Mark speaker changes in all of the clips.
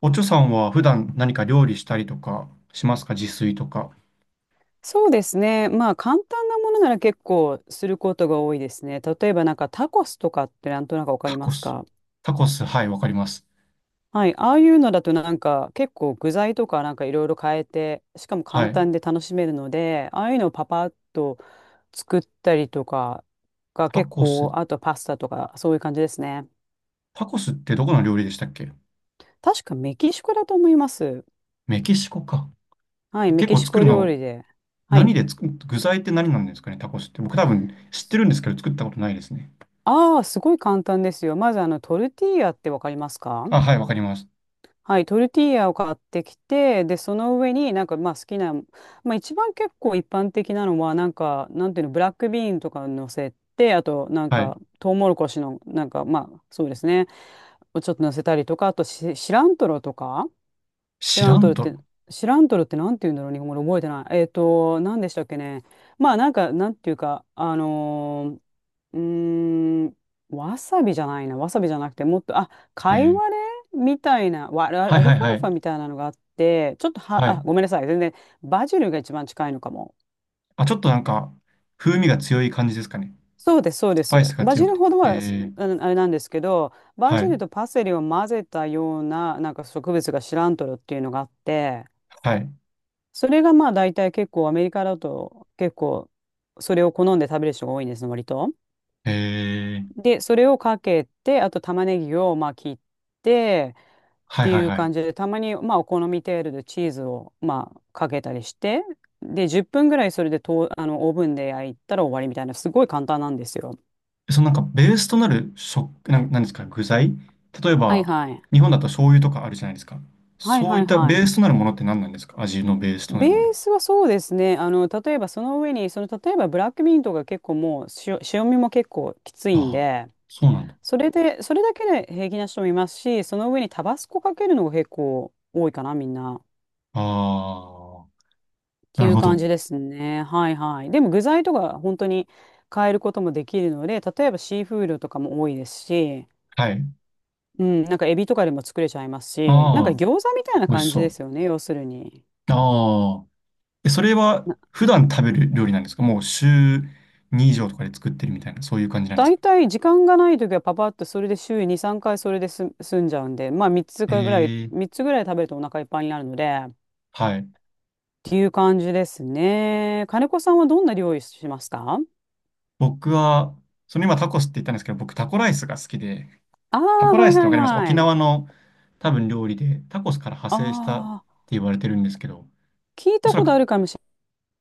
Speaker 1: おちょさんは普段何か料理したりとかしますか、自炊とか。
Speaker 2: そうですね。まあ簡単なものなら結構することが多いですね。例えばなんかタコスとかってなんとなくわか
Speaker 1: タ
Speaker 2: りま
Speaker 1: コ
Speaker 2: す
Speaker 1: ス。
Speaker 2: か？
Speaker 1: タコス、はい、わかります。
Speaker 2: はい。ああいうのだとなんか結構具材とかなんかいろいろ変えて、しかも
Speaker 1: は
Speaker 2: 簡
Speaker 1: い。
Speaker 2: 単で楽しめるので、ああいうのをパパッと作ったりとかが
Speaker 1: タ
Speaker 2: 結
Speaker 1: コス。
Speaker 2: 構、あとパスタとかそういう感じですね。
Speaker 1: タコスってどこの料理でしたっけ？
Speaker 2: 確かメキシコだと思います。
Speaker 1: メキシコか。
Speaker 2: はい。メ
Speaker 1: 結
Speaker 2: キ
Speaker 1: 構
Speaker 2: シ
Speaker 1: 作
Speaker 2: コ
Speaker 1: る
Speaker 2: 料
Speaker 1: の、
Speaker 2: 理で。はい。
Speaker 1: 何で作、具材って何なんですかね、タコスって。僕多分知ってるんですけど作ったことないですね。
Speaker 2: ああ、すごい簡単ですよ。まずあのトルティーヤってわかりますか？
Speaker 1: あ、はい、わかります。
Speaker 2: はい、トルティーヤを買ってきて、で、その上になんかまあ好きな、まあ一番結構一般的なのは、なんか、なんていうの、ブラックビーンとか乗せて、あとなん
Speaker 1: はい。
Speaker 2: か、トウモロコシの、なんかまあ、そうですね、をちょっと乗せたりとか、あとシラントロとか。シ
Speaker 1: シ
Speaker 2: ラ
Speaker 1: ラ
Speaker 2: ント
Speaker 1: ン
Speaker 2: ルっ
Speaker 1: ト
Speaker 2: て、
Speaker 1: ロ。
Speaker 2: シラントルってなんて言うんだろう、日本語で覚えてない。何でしたっけね。まあ、なんか、なんていうか、ー、うーん、わさびじゃないな、わさびじゃなくて、もっと、あ、
Speaker 1: え
Speaker 2: カイ
Speaker 1: ー、
Speaker 2: ワレみたいな、わアル
Speaker 1: はい
Speaker 2: アル
Speaker 1: は
Speaker 2: フ
Speaker 1: い
Speaker 2: ァ
Speaker 1: は
Speaker 2: ルファ
Speaker 1: い。
Speaker 2: みたいなのがあって、ちょっとは、
Speaker 1: は
Speaker 2: あ、
Speaker 1: い。
Speaker 2: ごめんなさい、全然、バジルが一番近いのかも。
Speaker 1: あ、ちょっとなんか、風味が強い感じですかね。
Speaker 2: そうです、そうで
Speaker 1: スパイ
Speaker 2: す。
Speaker 1: スが
Speaker 2: バジ
Speaker 1: 強く
Speaker 2: ル
Speaker 1: て。
Speaker 2: ほどは、す
Speaker 1: えー、
Speaker 2: あのあれなんですけど、バ
Speaker 1: は
Speaker 2: ジ
Speaker 1: い。
Speaker 2: ルとパセリを混ぜたような、なんか植物がシラントルっていうのがあって、
Speaker 1: はい。
Speaker 2: それがまあ大体結構アメリカだと結構それを好んで食べる人が多いんですね割と。
Speaker 1: えー、
Speaker 2: でそれをかけてあと玉ねぎをまあ切ってっ
Speaker 1: はい
Speaker 2: て
Speaker 1: は
Speaker 2: い
Speaker 1: い
Speaker 2: う
Speaker 1: はい。
Speaker 2: 感じでたまにまあお好み程度でチーズをまあかけたりしてで10分ぐらいそれでとあのオーブンで焼いたら終わりみたいなすごい簡単なんですよ。
Speaker 1: そのなんかベースとなる食、なん、なんですか、具材。例え
Speaker 2: はい
Speaker 1: ば、
Speaker 2: はい。
Speaker 1: 日本だと醤油とかあるじゃないですか。
Speaker 2: はい
Speaker 1: そう
Speaker 2: は
Speaker 1: いっ
Speaker 2: い
Speaker 1: た
Speaker 2: は
Speaker 1: ベー
Speaker 2: い。
Speaker 1: スとなるものって何なんですか？味のベースとな
Speaker 2: ベ
Speaker 1: る
Speaker 2: ー
Speaker 1: もの。
Speaker 2: スはそうですね。あの、例えばその上に、その、例えばブラックミントが結構もう塩味も結構きつ
Speaker 1: あ
Speaker 2: いん
Speaker 1: あ、
Speaker 2: で、
Speaker 1: そうなんだ。
Speaker 2: それで、それだけで平気な人もいますし、その上にタバスコかけるのが結構多いかな、みんな。っ
Speaker 1: ああ、
Speaker 2: て
Speaker 1: な
Speaker 2: い
Speaker 1: る
Speaker 2: う
Speaker 1: ほ
Speaker 2: 感
Speaker 1: ど。
Speaker 2: じですね。はいはい。でも具材とか本当に変えることもできるので、例えばシーフードとかも多いですし、
Speaker 1: はい。
Speaker 2: うん、なんかエビとかでも作れちゃいますし、なんか
Speaker 1: ああ、
Speaker 2: 餃子みたいな
Speaker 1: 美味し
Speaker 2: 感じで
Speaker 1: そ
Speaker 2: すよね、要するに。
Speaker 1: う。ああ、え、それは
Speaker 2: な
Speaker 1: 普段食べる料理なんですか？もう週2以上とかで作ってるみたいな、そういう感じなんです
Speaker 2: 大
Speaker 1: か？
Speaker 2: 体時間がない時はパパッとそれで週に3回それです済んじゃうんで、まあ
Speaker 1: ええ、
Speaker 2: 3つぐらい食べるとお腹いっぱいになるので、
Speaker 1: はい。
Speaker 2: っていう感じですね。金子さんはどんな料理しますか？
Speaker 1: 僕は、その今タコスって言ったんですけど、僕タコライスが好きで、
Speaker 2: あ
Speaker 1: タ
Speaker 2: あー、
Speaker 1: コラ
Speaker 2: は
Speaker 1: イ
Speaker 2: い
Speaker 1: スってわ
Speaker 2: はい
Speaker 1: かります？沖
Speaker 2: はい。
Speaker 1: 縄の多分料理で、タコスから派
Speaker 2: あ
Speaker 1: 生したって
Speaker 2: あ、
Speaker 1: 言われてるんですけど、
Speaker 2: 聞い
Speaker 1: お
Speaker 2: た
Speaker 1: そら
Speaker 2: こ
Speaker 1: く、
Speaker 2: とあるかもし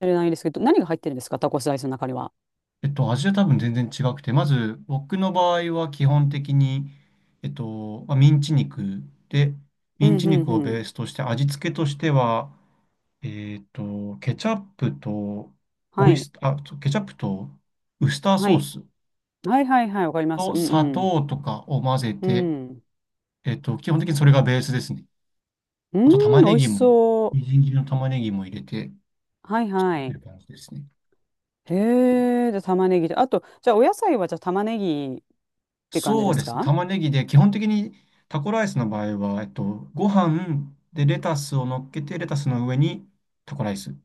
Speaker 2: れないですけど、何が入ってるんですかタコスライスの中には？
Speaker 1: 味は多分全然違くて、まず僕の場合は基本的に、まあミンチ肉で、
Speaker 2: う
Speaker 1: ミン
Speaker 2: ん
Speaker 1: チ
Speaker 2: う
Speaker 1: 肉
Speaker 2: ん
Speaker 1: を
Speaker 2: う
Speaker 1: ベー
Speaker 2: ん。
Speaker 1: スとして、味付けとしては、ケチャップと、
Speaker 2: は
Speaker 1: オイ
Speaker 2: い。
Speaker 1: ス、あ、そうケチャップとウスター
Speaker 2: は
Speaker 1: ソー
Speaker 2: い。
Speaker 1: ス
Speaker 2: はいはいはい。わかります。う
Speaker 1: と
Speaker 2: ん
Speaker 1: 砂
Speaker 2: うん。
Speaker 1: 糖とかを混ぜ
Speaker 2: う
Speaker 1: て、
Speaker 2: ん。
Speaker 1: 基本的にそれがベースですね。
Speaker 2: うー
Speaker 1: あと
Speaker 2: ん、
Speaker 1: 玉
Speaker 2: 美
Speaker 1: ね
Speaker 2: 味し
Speaker 1: ぎも、
Speaker 2: そ
Speaker 1: み
Speaker 2: う。
Speaker 1: じん切りの玉ねぎも入れて、
Speaker 2: はいは
Speaker 1: という
Speaker 2: い。
Speaker 1: 感じですね。
Speaker 2: へえ、じゃあ玉ねぎで。あと、じゃあお野菜はじゃあ玉ねぎって感じ
Speaker 1: そ
Speaker 2: で
Speaker 1: うで
Speaker 2: す
Speaker 1: すね。
Speaker 2: か？
Speaker 1: 玉ねぎで、基本的にタコライスの場合は、ご飯でレタスを乗っけて、レタスの上に、タコライス。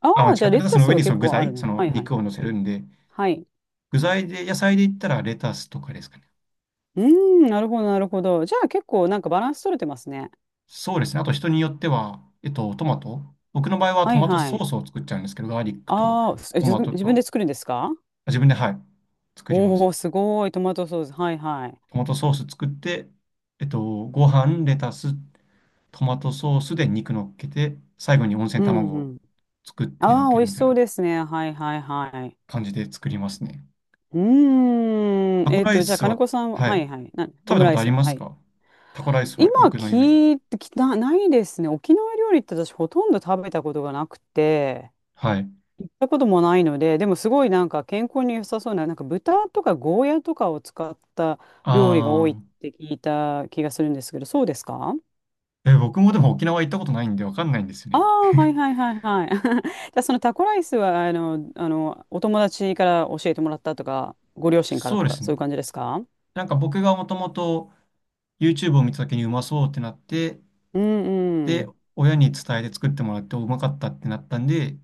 Speaker 2: あ
Speaker 1: あ、間違
Speaker 2: あ
Speaker 1: っ
Speaker 2: ー、じ
Speaker 1: た。
Speaker 2: ゃあ
Speaker 1: レ
Speaker 2: レ
Speaker 1: タス
Speaker 2: タ
Speaker 1: の
Speaker 2: ス
Speaker 1: 上
Speaker 2: は
Speaker 1: にそ
Speaker 2: 結
Speaker 1: の具
Speaker 2: 構ある
Speaker 1: 材、そ
Speaker 2: ね。
Speaker 1: の
Speaker 2: はいはい。
Speaker 1: 肉を乗せるんで、
Speaker 2: はい。
Speaker 1: 具材で、野菜で言ったらレタスとかですかね。
Speaker 2: うーん、なるほどなるほど。じゃあ結構なんかバランス取れてますね。
Speaker 1: そうですね。あと人によっては、トマト。僕の場合は
Speaker 2: は
Speaker 1: ト
Speaker 2: い
Speaker 1: マト
Speaker 2: は
Speaker 1: ソー
Speaker 2: い。
Speaker 1: スを作っちゃうんですけど、ガーリックと
Speaker 2: ああ、
Speaker 1: ト
Speaker 2: 自
Speaker 1: マ
Speaker 2: 分
Speaker 1: ト
Speaker 2: 自分で
Speaker 1: と、
Speaker 2: 作るんですか？
Speaker 1: あ、自分で、はい、作りま
Speaker 2: お
Speaker 1: す。
Speaker 2: おー、すごい。トマトソース。はいはい。
Speaker 1: トマトソース作って、えっと、ご飯、レタス、トマトソースで肉乗っけて、最後に温
Speaker 2: う
Speaker 1: 泉卵
Speaker 2: んう
Speaker 1: を
Speaker 2: ん。
Speaker 1: 作って乗っ
Speaker 2: ああ、
Speaker 1: け
Speaker 2: 美
Speaker 1: る
Speaker 2: 味し
Speaker 1: みたい
Speaker 2: そ
Speaker 1: な
Speaker 2: うですね。はいはいはい。
Speaker 1: 感じで作りますね。
Speaker 2: うー
Speaker 1: タ
Speaker 2: ん。
Speaker 1: コライ
Speaker 2: じゃあ、
Speaker 1: ス
Speaker 2: 金
Speaker 1: は、
Speaker 2: 子さんは、
Speaker 1: はい。
Speaker 2: はいはい。
Speaker 1: 食
Speaker 2: オ
Speaker 1: べ
Speaker 2: ム
Speaker 1: たこ
Speaker 2: ライ
Speaker 1: とあ
Speaker 2: ス
Speaker 1: り
Speaker 2: は、
Speaker 1: ま
Speaker 2: は
Speaker 1: す
Speaker 2: い。
Speaker 1: か？タコライス
Speaker 2: 今
Speaker 1: は僕の夢。
Speaker 2: 聞いてきた、ないですね。沖縄料理って私ほとんど食べたことがなくて、
Speaker 1: はい。
Speaker 2: 行ったこともないので、でもすごいなんか健康に良さそうな、なんか豚とかゴーヤとかを使った料理が多
Speaker 1: あ
Speaker 2: いって聞いた気がするんですけど、そうですか？
Speaker 1: ー、え、僕もでも沖縄行ったことないんでわかんないんですよ
Speaker 2: あ
Speaker 1: ね。
Speaker 2: あ、はいはいはいはい。じゃあそのタコライスは、お友達から教えてもらったとか、ご両親から
Speaker 1: そう
Speaker 2: と
Speaker 1: で
Speaker 2: か、
Speaker 1: す
Speaker 2: そういう
Speaker 1: ね。
Speaker 2: 感じですか？
Speaker 1: なんか僕がもともと YouTube を見た時にうまそうってなって、
Speaker 2: うんう
Speaker 1: で、
Speaker 2: ん。
Speaker 1: 親に伝えて作ってもらってうまかったってなったんで、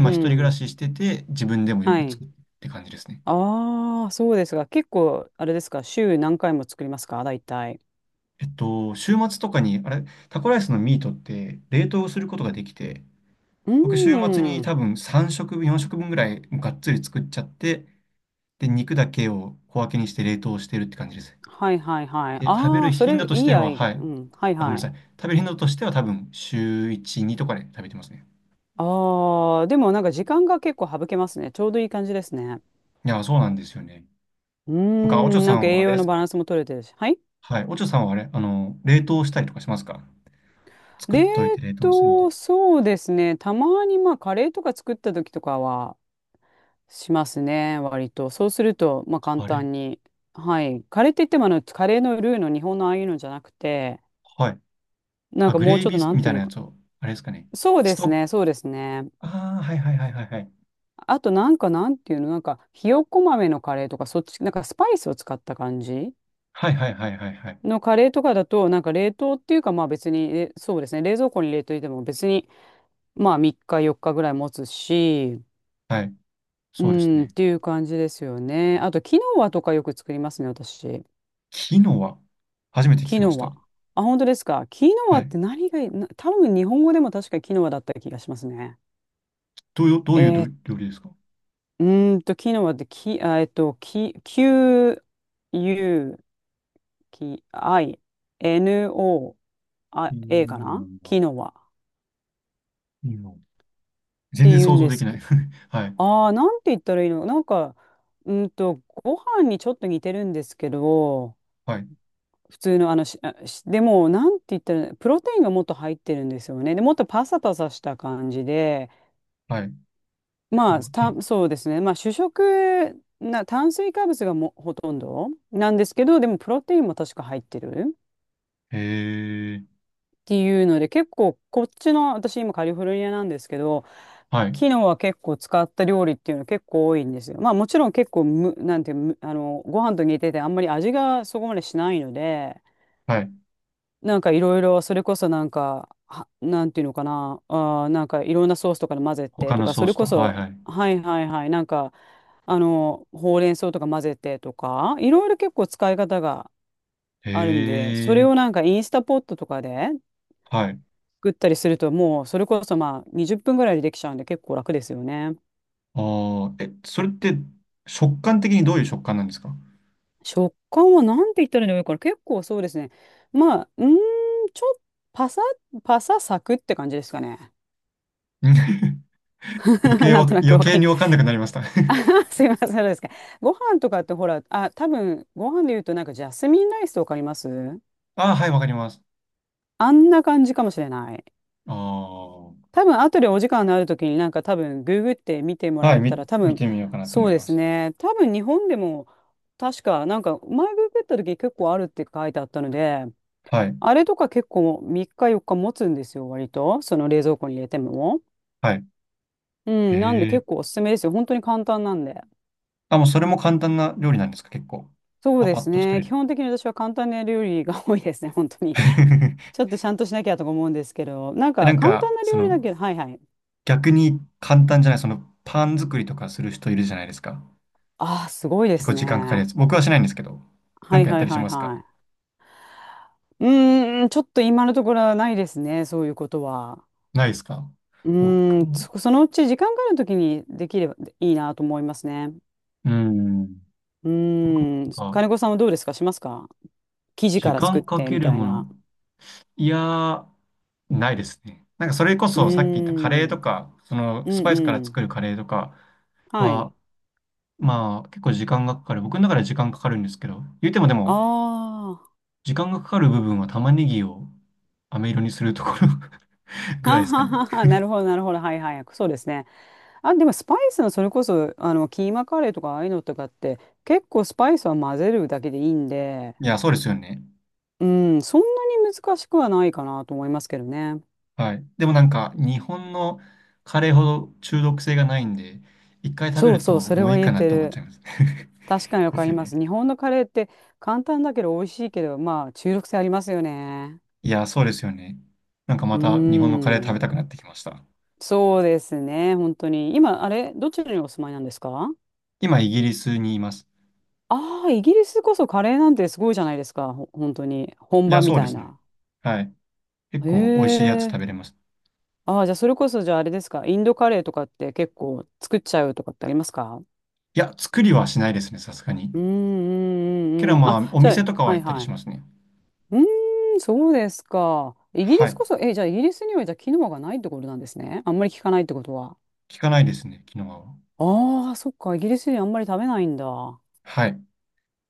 Speaker 2: う
Speaker 1: 一人暮ら
Speaker 2: ん。
Speaker 1: ししてて自分でもよ
Speaker 2: は
Speaker 1: く作
Speaker 2: い。
Speaker 1: るって感じですね。
Speaker 2: ああ、そうですが、結構、あれですか、週何回も作りますか大体？
Speaker 1: 週末とかに、あれ、タコライスのミートって冷凍することができて、
Speaker 2: う
Speaker 1: 僕、週末に
Speaker 2: ー
Speaker 1: 多
Speaker 2: ん。
Speaker 1: 分3食分、4食分ぐらいがっつり作っちゃって、で、肉だけを小分けにして冷凍してるって感じです。
Speaker 2: はいはいはい。
Speaker 1: で、食べ
Speaker 2: あ
Speaker 1: る
Speaker 2: あ、そ
Speaker 1: 頻度
Speaker 2: れ、
Speaker 1: とし
Speaker 2: い
Speaker 1: て
Speaker 2: いア
Speaker 1: は、
Speaker 2: イデ
Speaker 1: はい。
Speaker 2: ア。うん。はい
Speaker 1: あ、ごめんな
Speaker 2: は
Speaker 1: さい。
Speaker 2: い。
Speaker 1: 食べる頻度としては多分週1、2とかで食べてますね。
Speaker 2: ああ、でもなんか時間が結構省けますね。ちょうどいい感じですね。
Speaker 1: いや、そうなんですよね。
Speaker 2: うー
Speaker 1: なんか、おちょ
Speaker 2: ん。
Speaker 1: さ
Speaker 2: なん
Speaker 1: ん
Speaker 2: か
Speaker 1: は
Speaker 2: 栄
Speaker 1: あれ
Speaker 2: 養
Speaker 1: で
Speaker 2: の
Speaker 1: す
Speaker 2: バラ
Speaker 1: か？
Speaker 2: ンスも取れてるし。はい。
Speaker 1: はい。おちょさんはあれ、冷凍したりとかしますか？作っ
Speaker 2: 冷
Speaker 1: といて冷凍するみたい
Speaker 2: 凍、そうですね。たまにまあカレーとか作った時とかはしますね、割と。そうすると、まあ簡
Speaker 1: な。あれ、
Speaker 2: 単に。はい。カレーって言ってもあの、カレーのルーの日本のああいうのじゃなくて、
Speaker 1: はい。
Speaker 2: なん
Speaker 1: あ、
Speaker 2: か
Speaker 1: グ
Speaker 2: もう
Speaker 1: レイ
Speaker 2: ちょっ
Speaker 1: ビ
Speaker 2: とな
Speaker 1: ー
Speaker 2: ん
Speaker 1: み
Speaker 2: て
Speaker 1: た
Speaker 2: い
Speaker 1: い
Speaker 2: う
Speaker 1: な
Speaker 2: の
Speaker 1: や
Speaker 2: か。
Speaker 1: つを、あれですかね。
Speaker 2: そう
Speaker 1: ス
Speaker 2: で
Speaker 1: ト
Speaker 2: す
Speaker 1: ッ
Speaker 2: ね、そうですね。
Speaker 1: ああ、はいはいはいはいはい。
Speaker 2: あとなんかなんていうの、なんかひよこ豆のカレーとか、そっち、なんかスパイスを使った感じ
Speaker 1: はいはいはいはいはい。
Speaker 2: のカレーとかだと、なんか冷凍っていうかまあ別に、そうですね、冷蔵庫に入れといても別にまあ3日4日ぐらい持つし、
Speaker 1: はい。
Speaker 2: う
Speaker 1: そうです
Speaker 2: ん、っ
Speaker 1: ね。
Speaker 2: ていう感じですよね。あと、キノワとかよく作りますね、私。
Speaker 1: キノア。初めて聞
Speaker 2: キ
Speaker 1: きまし
Speaker 2: ノワ。
Speaker 1: た。
Speaker 2: あ、本当ですか。キノワ
Speaker 1: は
Speaker 2: っ
Speaker 1: い。
Speaker 2: て何がいい、な多分日本語でも確かキノワだった気がしますね。
Speaker 1: どういう、どういう
Speaker 2: え
Speaker 1: ど
Speaker 2: ー、
Speaker 1: 料理ですか？
Speaker 2: キノワってキ、あ、キ、Q、U、キ、I、N、O、
Speaker 1: キ
Speaker 2: あ、A かな
Speaker 1: ノア。
Speaker 2: キノワっ
Speaker 1: キノア、全
Speaker 2: て
Speaker 1: 然
Speaker 2: 言う
Speaker 1: 想
Speaker 2: ん
Speaker 1: 像
Speaker 2: で
Speaker 1: で
Speaker 2: す
Speaker 1: きな
Speaker 2: け
Speaker 1: い。
Speaker 2: ど、
Speaker 1: はい。
Speaker 2: ああ、なんて言ったらいいのなんか、うーんと、ご飯にちょっと似てるんですけど、
Speaker 1: はい。
Speaker 2: 普通のあのし、あしでも、なんて言ったら、プロテインがもっと入ってるんですよね。で、もっとパサパサした感じで、
Speaker 1: はい。
Speaker 2: ま
Speaker 1: プ
Speaker 2: あ、
Speaker 1: ロテイン。
Speaker 2: そうですね。まあ、主食な、炭水化物がもほとんどなんですけど、でも、プロテインも確か入ってる
Speaker 1: へえ。
Speaker 2: っていうので、結構、こっちの、私今カリフォルニアなんですけど、
Speaker 1: はい。
Speaker 2: 昨日は結構使った料理っていうの結構多いんですよ。まあもちろん結構む、なんていうむあの、ご飯と似ててあんまり味がそこまでしないので、
Speaker 1: はい。
Speaker 2: なんかいろいろ、それこそなんか、は、なんていうのかな、なんかいろんなソースとかで混ぜて
Speaker 1: 他
Speaker 2: と
Speaker 1: の
Speaker 2: か、
Speaker 1: ソ
Speaker 2: そ
Speaker 1: ー
Speaker 2: れ
Speaker 1: スと。
Speaker 2: こ
Speaker 1: はい
Speaker 2: そ、
Speaker 1: はい。
Speaker 2: はいはいはい、なんか、あの、ほうれん草とか混ぜてとか、いろいろ結構使い方が
Speaker 1: へ
Speaker 2: あるんで、それ
Speaker 1: え。
Speaker 2: をなんかインスタポットとかで
Speaker 1: はい。
Speaker 2: 作ったりすると、もうそれこそまあ20分ぐらいでできちゃうんで結構楽ですよね。
Speaker 1: ああ、え、それって食感的にどういう食感なんですか？
Speaker 2: 食感はなんて言ったらいいのかな、結構そうですね。まあ、ちょっとパサ、パササクって感じですかね。
Speaker 1: うん。
Speaker 2: なんとなく
Speaker 1: 余
Speaker 2: わ
Speaker 1: 計
Speaker 2: かり
Speaker 1: にわかんなくなりました。
Speaker 2: すいません、そうですか。ご飯とかってほら、あ、多分、ご飯で言うとなんかジャスミンライスとかあります？
Speaker 1: ああ、はい、わかります。
Speaker 2: あんな感じかもしれない。
Speaker 1: ああ。
Speaker 2: 多分、後でお時間のある時になんか多分、ググって見てもら
Speaker 1: はい、
Speaker 2: えた
Speaker 1: み、
Speaker 2: ら多
Speaker 1: 見
Speaker 2: 分、
Speaker 1: てみようかなと
Speaker 2: そ
Speaker 1: 思
Speaker 2: う
Speaker 1: い
Speaker 2: で
Speaker 1: ま
Speaker 2: す
Speaker 1: す。
Speaker 2: ね。多分、日本でも確かなんか、前ググった時結構あるって書いてあったので、
Speaker 1: はい、
Speaker 2: あれとか結構3日4日持つんですよ、割と。その冷蔵庫に入れても。
Speaker 1: はい。
Speaker 2: う
Speaker 1: へ
Speaker 2: ん、なんで結
Speaker 1: え。
Speaker 2: 構おすすめですよ。本当に簡単なんで。
Speaker 1: あ、もうそれも簡単な料理なんですか、結構。
Speaker 2: そう
Speaker 1: パ
Speaker 2: で
Speaker 1: パッ
Speaker 2: す
Speaker 1: と作
Speaker 2: ね。
Speaker 1: れ
Speaker 2: 基
Speaker 1: る。
Speaker 2: 本的に私は簡単な料理が多いですね、本当に。ちょっとちゃんとしなきゃとか思うんですけど、なん
Speaker 1: え、な
Speaker 2: か
Speaker 1: ん
Speaker 2: 簡単
Speaker 1: か、
Speaker 2: な料理だけど、はいはい。
Speaker 1: 逆に簡単じゃない、その、パン作りとかする人いるじゃないですか。
Speaker 2: ああ、すごいで
Speaker 1: 結構
Speaker 2: す
Speaker 1: 時間かかるや
Speaker 2: ね。
Speaker 1: つ。僕はしないんですけど。な
Speaker 2: は
Speaker 1: ん
Speaker 2: い
Speaker 1: かやっ
Speaker 2: は
Speaker 1: た
Speaker 2: い
Speaker 1: りし
Speaker 2: はい
Speaker 1: ますか？
Speaker 2: はい。ちょっと今のところはないですね、そういうことは。
Speaker 1: ないですか？
Speaker 2: うー
Speaker 1: 僕
Speaker 2: ん、
Speaker 1: も、
Speaker 2: そ、そのうち時間があるときにできればいいなと思いますね。
Speaker 1: うん。
Speaker 2: う
Speaker 1: 僕も
Speaker 2: ーん、
Speaker 1: なんか、
Speaker 2: 金子さんはどうですか？しますか？生地か
Speaker 1: 時
Speaker 2: ら作っ
Speaker 1: 間か
Speaker 2: て
Speaker 1: け
Speaker 2: み
Speaker 1: る
Speaker 2: たい
Speaker 1: も
Speaker 2: な。
Speaker 1: の。いやー、ないですね。なんかそれこ
Speaker 2: うー
Speaker 1: そさっき言ったカレー
Speaker 2: ん、
Speaker 1: とか、その
Speaker 2: う
Speaker 1: スパ
Speaker 2: ん
Speaker 1: イスか
Speaker 2: う
Speaker 1: ら作
Speaker 2: ん。
Speaker 1: るカレーとか
Speaker 2: は
Speaker 1: は
Speaker 2: い。
Speaker 1: まあ、結構時間がかかる。僕の中では時間かかるんですけど、言うてもで
Speaker 2: あ
Speaker 1: も、
Speaker 2: あ、は
Speaker 1: 時間がかかる部分は玉ねぎを飴色にするところ ぐらい
Speaker 2: は
Speaker 1: ですかね。
Speaker 2: はは、なるほどなるほど。はいはい。そうですね。あ、でもスパイスのそれこそ、あの、キーマカレーとかああいうのとかって、結構スパイスは混ぜるだけでいいんで、
Speaker 1: いや、そうですよね。
Speaker 2: うん、そんなに難しくはないかなと思いますけどね。
Speaker 1: はい。でもなんか、日本のカレーほど中毒性がないんで、一回食べ
Speaker 2: そう
Speaker 1: る
Speaker 2: そう、
Speaker 1: と
Speaker 2: それ
Speaker 1: もうい
Speaker 2: は
Speaker 1: い
Speaker 2: 言
Speaker 1: か
Speaker 2: え
Speaker 1: なっ
Speaker 2: て
Speaker 1: て思っち
Speaker 2: る。
Speaker 1: ゃいます。
Speaker 2: 確かにわ
Speaker 1: で
Speaker 2: か
Speaker 1: す
Speaker 2: り
Speaker 1: よ
Speaker 2: ま
Speaker 1: ね。
Speaker 2: す。日本のカレーって簡単だけど美味しいけど、まあ、中毒性ありますよね。
Speaker 1: いや、そうですよね。なんか
Speaker 2: う
Speaker 1: ま
Speaker 2: ー
Speaker 1: た日本のカレー食べ
Speaker 2: ん、
Speaker 1: たくなってきました。
Speaker 2: そうですね、本当に。今、あれ、どちらにお住まいなんですか？
Speaker 1: 今、イギリスにいます。
Speaker 2: ああー、イギリスこそカレーなんてすごいじゃないですか。ほ本当に。本
Speaker 1: い
Speaker 2: 場
Speaker 1: や、
Speaker 2: み
Speaker 1: そうで
Speaker 2: たい
Speaker 1: すね。
Speaker 2: な。
Speaker 1: はい。結
Speaker 2: へ
Speaker 1: 構美味しいやつ
Speaker 2: え。
Speaker 1: 食べれます。
Speaker 2: ああ、じゃあそれこそじゃああれですか。インドカレーとかって結構作っちゃうとかってありますか？
Speaker 1: いや、作りはしないですね、さすがに。
Speaker 2: うんう
Speaker 1: け
Speaker 2: んうん
Speaker 1: ど
Speaker 2: うん。
Speaker 1: ま
Speaker 2: あ、
Speaker 1: あ、お
Speaker 2: じゃ
Speaker 1: 店
Speaker 2: あ、
Speaker 1: とかは
Speaker 2: は
Speaker 1: 行
Speaker 2: い
Speaker 1: ったり
Speaker 2: は
Speaker 1: し
Speaker 2: い。
Speaker 1: ますね。
Speaker 2: うーん、そうですか。イギリ
Speaker 1: は
Speaker 2: ス
Speaker 1: い。
Speaker 2: こそ、え、じゃあイギリスにはじゃあキノアがないってことなんですね。あんまり聞かないってことは。
Speaker 1: 聞かないですね、昨日は。
Speaker 2: ああ、そっか。イギリスにあんまり食べないんだ。
Speaker 1: はい。
Speaker 2: う